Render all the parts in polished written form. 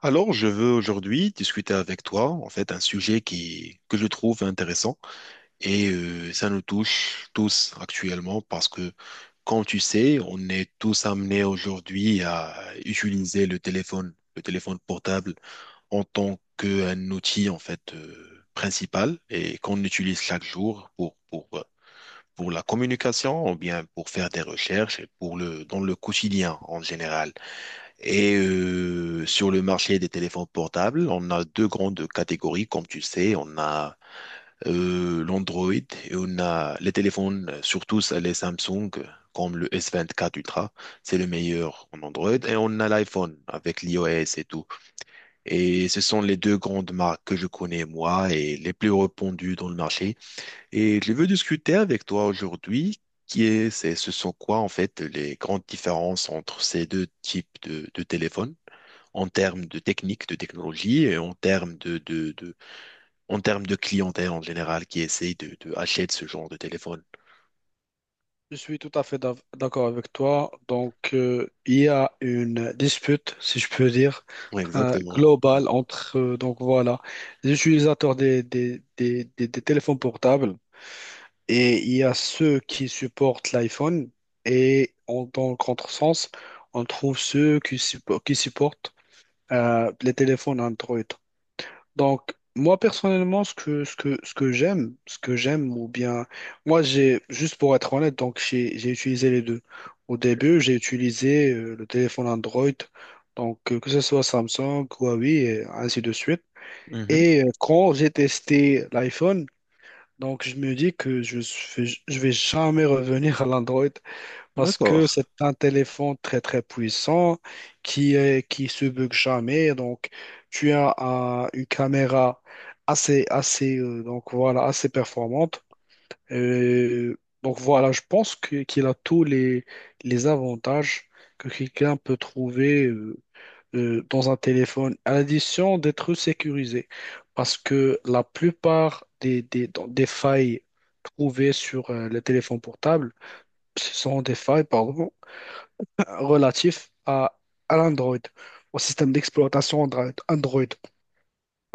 Alors, je veux aujourd'hui discuter avec toi, en fait, un sujet que je trouve intéressant. Et ça nous touche tous actuellement parce que, comme tu sais, on est tous amenés aujourd'hui à utiliser le téléphone portable en tant qu'un outil, en fait, principal et qu'on utilise chaque jour pour la communication ou bien pour faire des recherches et dans le quotidien en général. Et sur le marché des téléphones portables, on a deux grandes catégories, comme tu sais. On a l'Android et on a les téléphones, surtout les Samsung, comme le S24 Ultra. C'est le meilleur en Android. Et on a l'iPhone avec l'iOS et tout. Et ce sont les deux grandes marques que je connais, moi, et les plus répandues dans le marché. Et je veux discuter avec toi aujourd'hui. Ce sont quoi en fait les grandes différences entre ces deux types de téléphones? En termes de technique, de technologie, en termes de clientèle en général qui essaye de acheter ce genre de téléphone. Je suis tout à fait d'accord avec toi. Donc, il y a une dispute, si je peux dire, Ouais, exactement. Mhm. globale entre les utilisateurs des téléphones portables, et il y a ceux qui supportent l'iPhone. Dans le contresens, on trouve ceux qui supportent les téléphones Android. Donc, moi personnellement, ce que, ce que, ce que j'aime, ou bien, moi j'ai, juste pour être honnête, donc j'ai utilisé les deux. Au début, j'ai utilisé le téléphone Android, donc que ce soit Samsung, Huawei, et ainsi de suite. Mhm. Et quand j'ai testé l'iPhone, donc je me dis que je, fais- je vais jamais revenir à l'Android parce D'accord. que c'est un téléphone très très puissant qui se bug jamais. Donc tu as une caméra assez assez performante. Euh, je pense qu'il a tous les avantages que quelqu'un peut trouver dans un téléphone, à l'addition d'être sécurisé. Parce que la plupart des failles trouvées sur les téléphones portables, ce sont des failles, pardon, relatif à l'Android, au système d'exploitation Android. Android.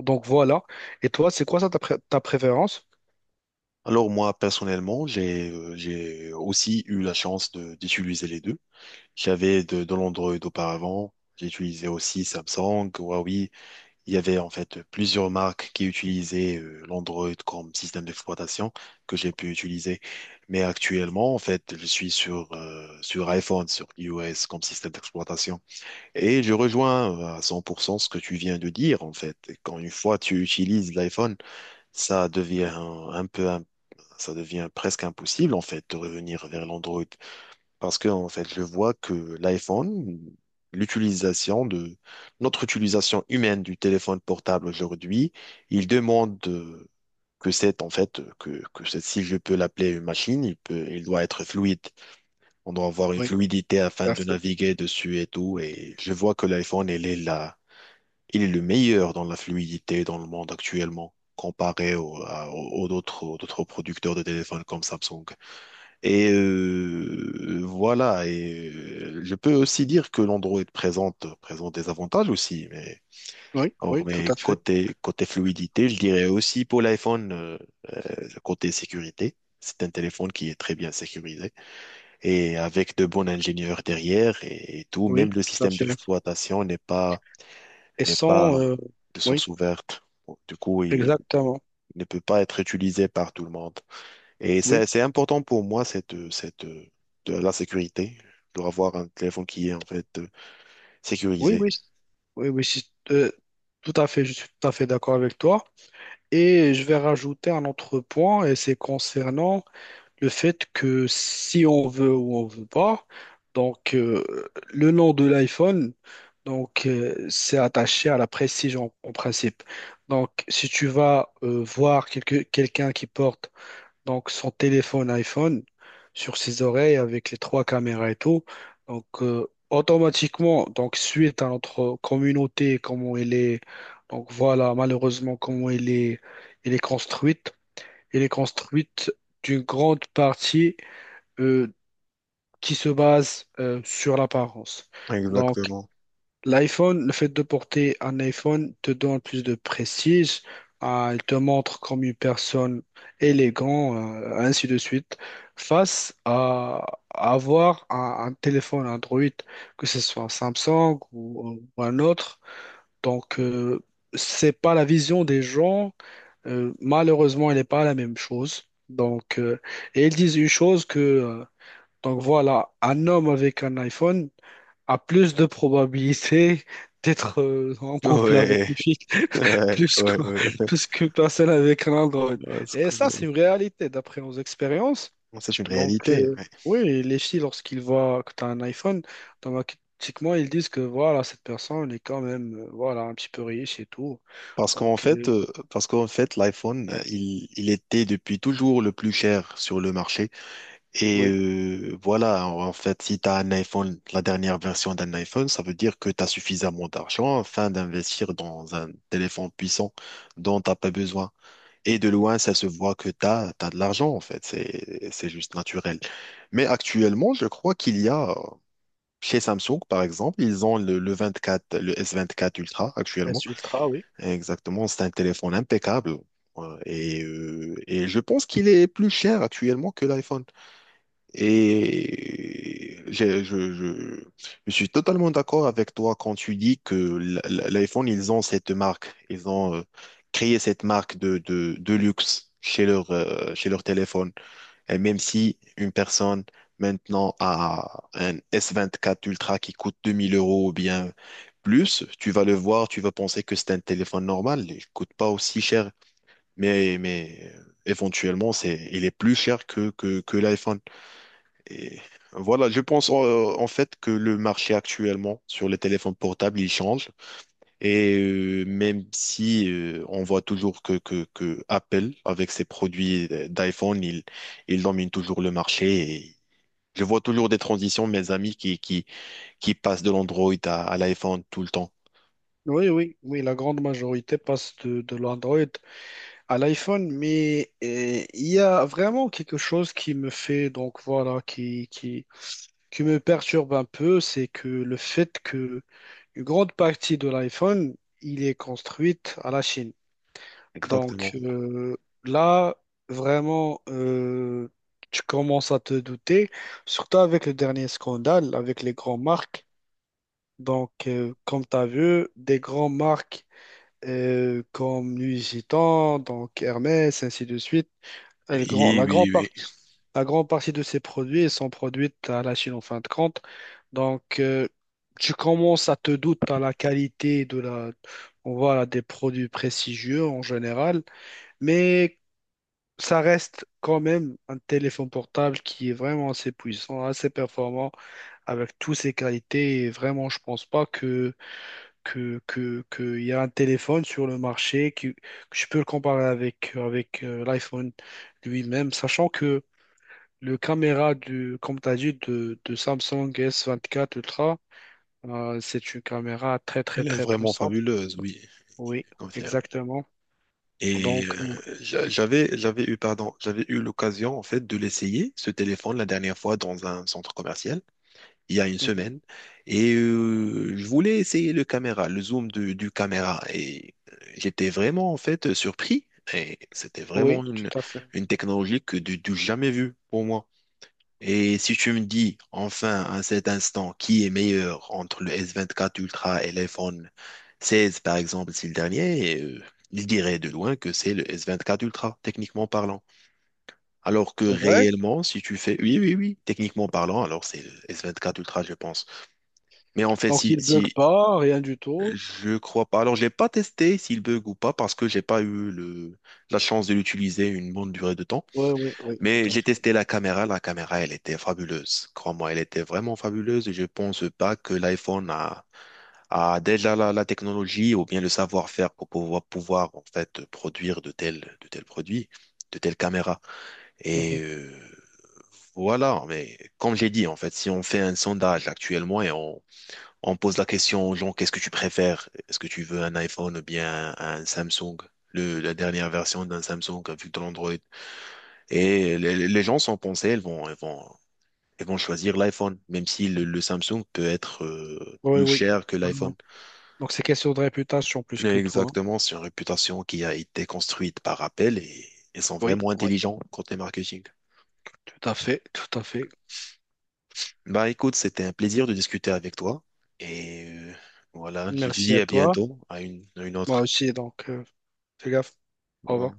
Donc voilà. Et toi, c'est quoi ta préférence? Alors moi, personnellement, j'ai aussi eu la chance d'utiliser les deux. J'avais de l'Android auparavant. J'ai utilisé aussi Samsung, Huawei. Il y avait en fait plusieurs marques qui utilisaient l'Android comme système d'exploitation que j'ai pu utiliser. Mais actuellement, en fait, je suis sur iPhone, sur iOS comme système d'exploitation. Et je rejoins à 100% ce que tu viens de dire, en fait. Quand une fois tu utilises l'iPhone, ça devient un peu, ça devient presque impossible, en fait, de revenir vers l'Android. Parce que, en fait, je vois que l'iPhone, l'utilisation de, notre utilisation humaine du téléphone portable aujourd'hui, il demande que c'est, en fait, que c'est- si je peux l'appeler une machine, il peut, il doit être fluide. On doit avoir une Oui, fluidité afin tout à de fait. naviguer dessus et tout. Et je vois que l'iPhone, il est là, il est le meilleur dans la fluidité dans le monde actuellement, comparé aux autres, producteurs de téléphones comme Samsung. Je peux aussi dire que l'Android présente des avantages aussi, mais, Oui, or, oui, tout mais à fait. Côté fluidité, je dirais aussi pour l'iPhone, côté sécurité, c'est un téléphone qui est très bien sécurisé et avec de bons ingénieurs derrière et tout, même Oui, le tout à système fait. d'exploitation Et n'est sans... pas de oui, source ouverte. Bon, du coup, il exactement. ne peut pas être utilisé par tout le monde. Et Oui, c'est important pour moi, de la sécurité, de avoir un téléphone qui est en fait oui, sécurisé. oui. Oui, oui, si- euh, tout à fait, je suis tout à fait d'accord avec toi. Et je vais rajouter un autre point, et c'est concernant le fait que si on veut ou on veut pas, donc le nom de l'iPhone, donc c'est attaché à la prestige en, en principe. Donc si tu vas voir quelqu'un qui porte donc son téléphone iPhone sur ses oreilles avec les trois caméras et tout, donc automatiquement, donc suite à notre communauté, comment elle est, donc voilà malheureusement comment elle est, elle est construite elle est construite d'une grande partie euh, qui se base sur l'apparence. Donc, Exactement. l'iPhone, le fait de porter un iPhone te donne plus de prestige, il te montre comme une personne élégante, ainsi de suite, face à avoir un téléphone Android, que ce soit un Samsung ou un autre. Donc, c'est pas la vision des gens, malheureusement, elle n'est pas la même chose. Donc, et ils disent une chose que, donc voilà, un homme avec un iPhone a plus de probabilité d'être en couple avec Ouais, une fille ouais, plus que, ouais, ouais. plus qu'une personne avec un Android. Parce Et que, ça, euh, c'est une réalité d'après nos expériences. C'est une Donc, réalité, ouais. oui, les filles, lorsqu'ils voient que tu as un iPhone, automatiquement, ils disent que voilà, cette personne est quand même, voilà, un petit peu riche et tout. Donc, Parce qu'en fait, l'iPhone, il était depuis toujours le plus cher sur le marché. Et oui, voilà, en fait, si tu as un iPhone, la dernière version d'un iPhone, ça veut dire que tu as suffisamment d'argent afin d'investir dans un téléphone puissant dont tu n'as pas besoin. Et de loin, ça se voit que tu as, de l'argent, en fait. C'est juste naturel. Mais actuellement, je crois qu'il y a, chez Samsung, par exemple, ils ont le S24 Ultra actuellement. S ultra, oui. Exactement, c'est un téléphone impeccable. Et je pense qu'il est plus cher actuellement que l'iPhone. Et je suis totalement d'accord avec toi quand tu dis que l'iPhone, ils ont cette marque, ils ont créé cette marque de luxe chez chez leur téléphone. Et même si une personne maintenant a un S24 Ultra qui coûte 2 000 euros ou bien plus, tu vas le voir, tu vas penser que c'est un téléphone normal, il ne coûte pas aussi cher, éventuellement, il est plus cher que l'iPhone. Et voilà, je pense en fait que le marché actuellement sur les téléphones portables, il change. Et même si on voit toujours que Apple, avec ses produits d'iPhone, il domine toujours le marché. Et je vois toujours des transitions, mes amis, qui passe de l'Android à l'iPhone tout le temps. Oui, oui, oui, la grande majorité passe de l'Android à l'iPhone, mais il y a vraiment quelque chose qui me fait, donc voilà, qui me perturbe un peu, c'est que le fait que une grande partie de l'iPhone, il est construite à la Chine. Donc Exactement. Là, vraiment, tu commences à te douter, surtout avec le dernier scandale, avec les grandes marques. Donc, comme tu as vu, des grandes marques comme Nuit Gitan, donc Hermès, ainsi de suite. Et le grand- Oui, la oui, grande oui. partie, la grande partie de ces produits sont produits à la Chine en fin de compte. Donc, tu commences à te douter à la qualité de la, on voit des produits prestigieux en général, mais ça reste quand même un téléphone portable qui est vraiment assez puissant, assez performant, avec toutes ses qualités. Et vraiment, je pense pas que que il y a un téléphone sur le marché que je peux le comparer avec, avec l'iPhone lui-même, sachant que le caméra du, comme tu as dit, de Samsung S24 Ultra, c'est une caméra Elle est très vraiment puissante. fabuleuse, oui. Je Oui, confirme. exactement. Et Donc, j'avais eu l'occasion en fait de l'essayer, ce téléphone, la dernière fois dans un centre commercial, il y a une mhm. semaine. Et je voulais essayer le caméra, le zoom du caméra. Et j'étais vraiment en fait surpris. Et c'était vraiment Oui, tout à fait. une technologie que du jamais vue pour moi. Et si tu me dis enfin à cet instant qui est meilleur entre le S24 Ultra et l'iPhone 16 par exemple, c'est le dernier, il dirait de loin que c'est le S24 Ultra, techniquement parlant. Alors que C'est vrai? réellement, si tu fais oui, oui, oui, techniquement parlant, alors c'est le S24 Ultra, je pense. Mais en fait, Donc, il bug si pas, rien du tout. je crois pas, alors je l'ai pas testé s'il bug ou pas parce que j'ai pas eu la chance de l'utiliser une bonne durée de temps. Oui, oui, oui, Mais tout à j'ai fait. testé la caméra, elle était fabuleuse. Crois-moi, elle était vraiment fabuleuse et je pense pas que l'iPhone a déjà la technologie ou bien le savoir-faire pour pouvoir en fait produire de tels produits, de telles caméras. Mhm. Et voilà, mais comme j'ai dit, en fait, si on fait un sondage actuellement et on pose la question aux gens, qu'est-ce que tu préfères? Est-ce que tu veux un iPhone ou bien un Samsung? La dernière version d'un Samsung avec de l'Android. Et les gens sont pensés, ils vont choisir l'iPhone, même si le Samsung peut être Oui, plus oui. cher que Non, non. l'iPhone. Donc, c'est question de réputation plus que toi. Exactement, c'est une réputation qui a été construite par Apple et ils sont Oui, vraiment oui, intelligents côté marketing. tout à fait, tout à fait. Bah écoute, c'était un plaisir de discuter avec toi et voilà, je te Merci dis à à toi. bientôt, à une Moi autre. aussi, donc, fais gaffe. Au revoir.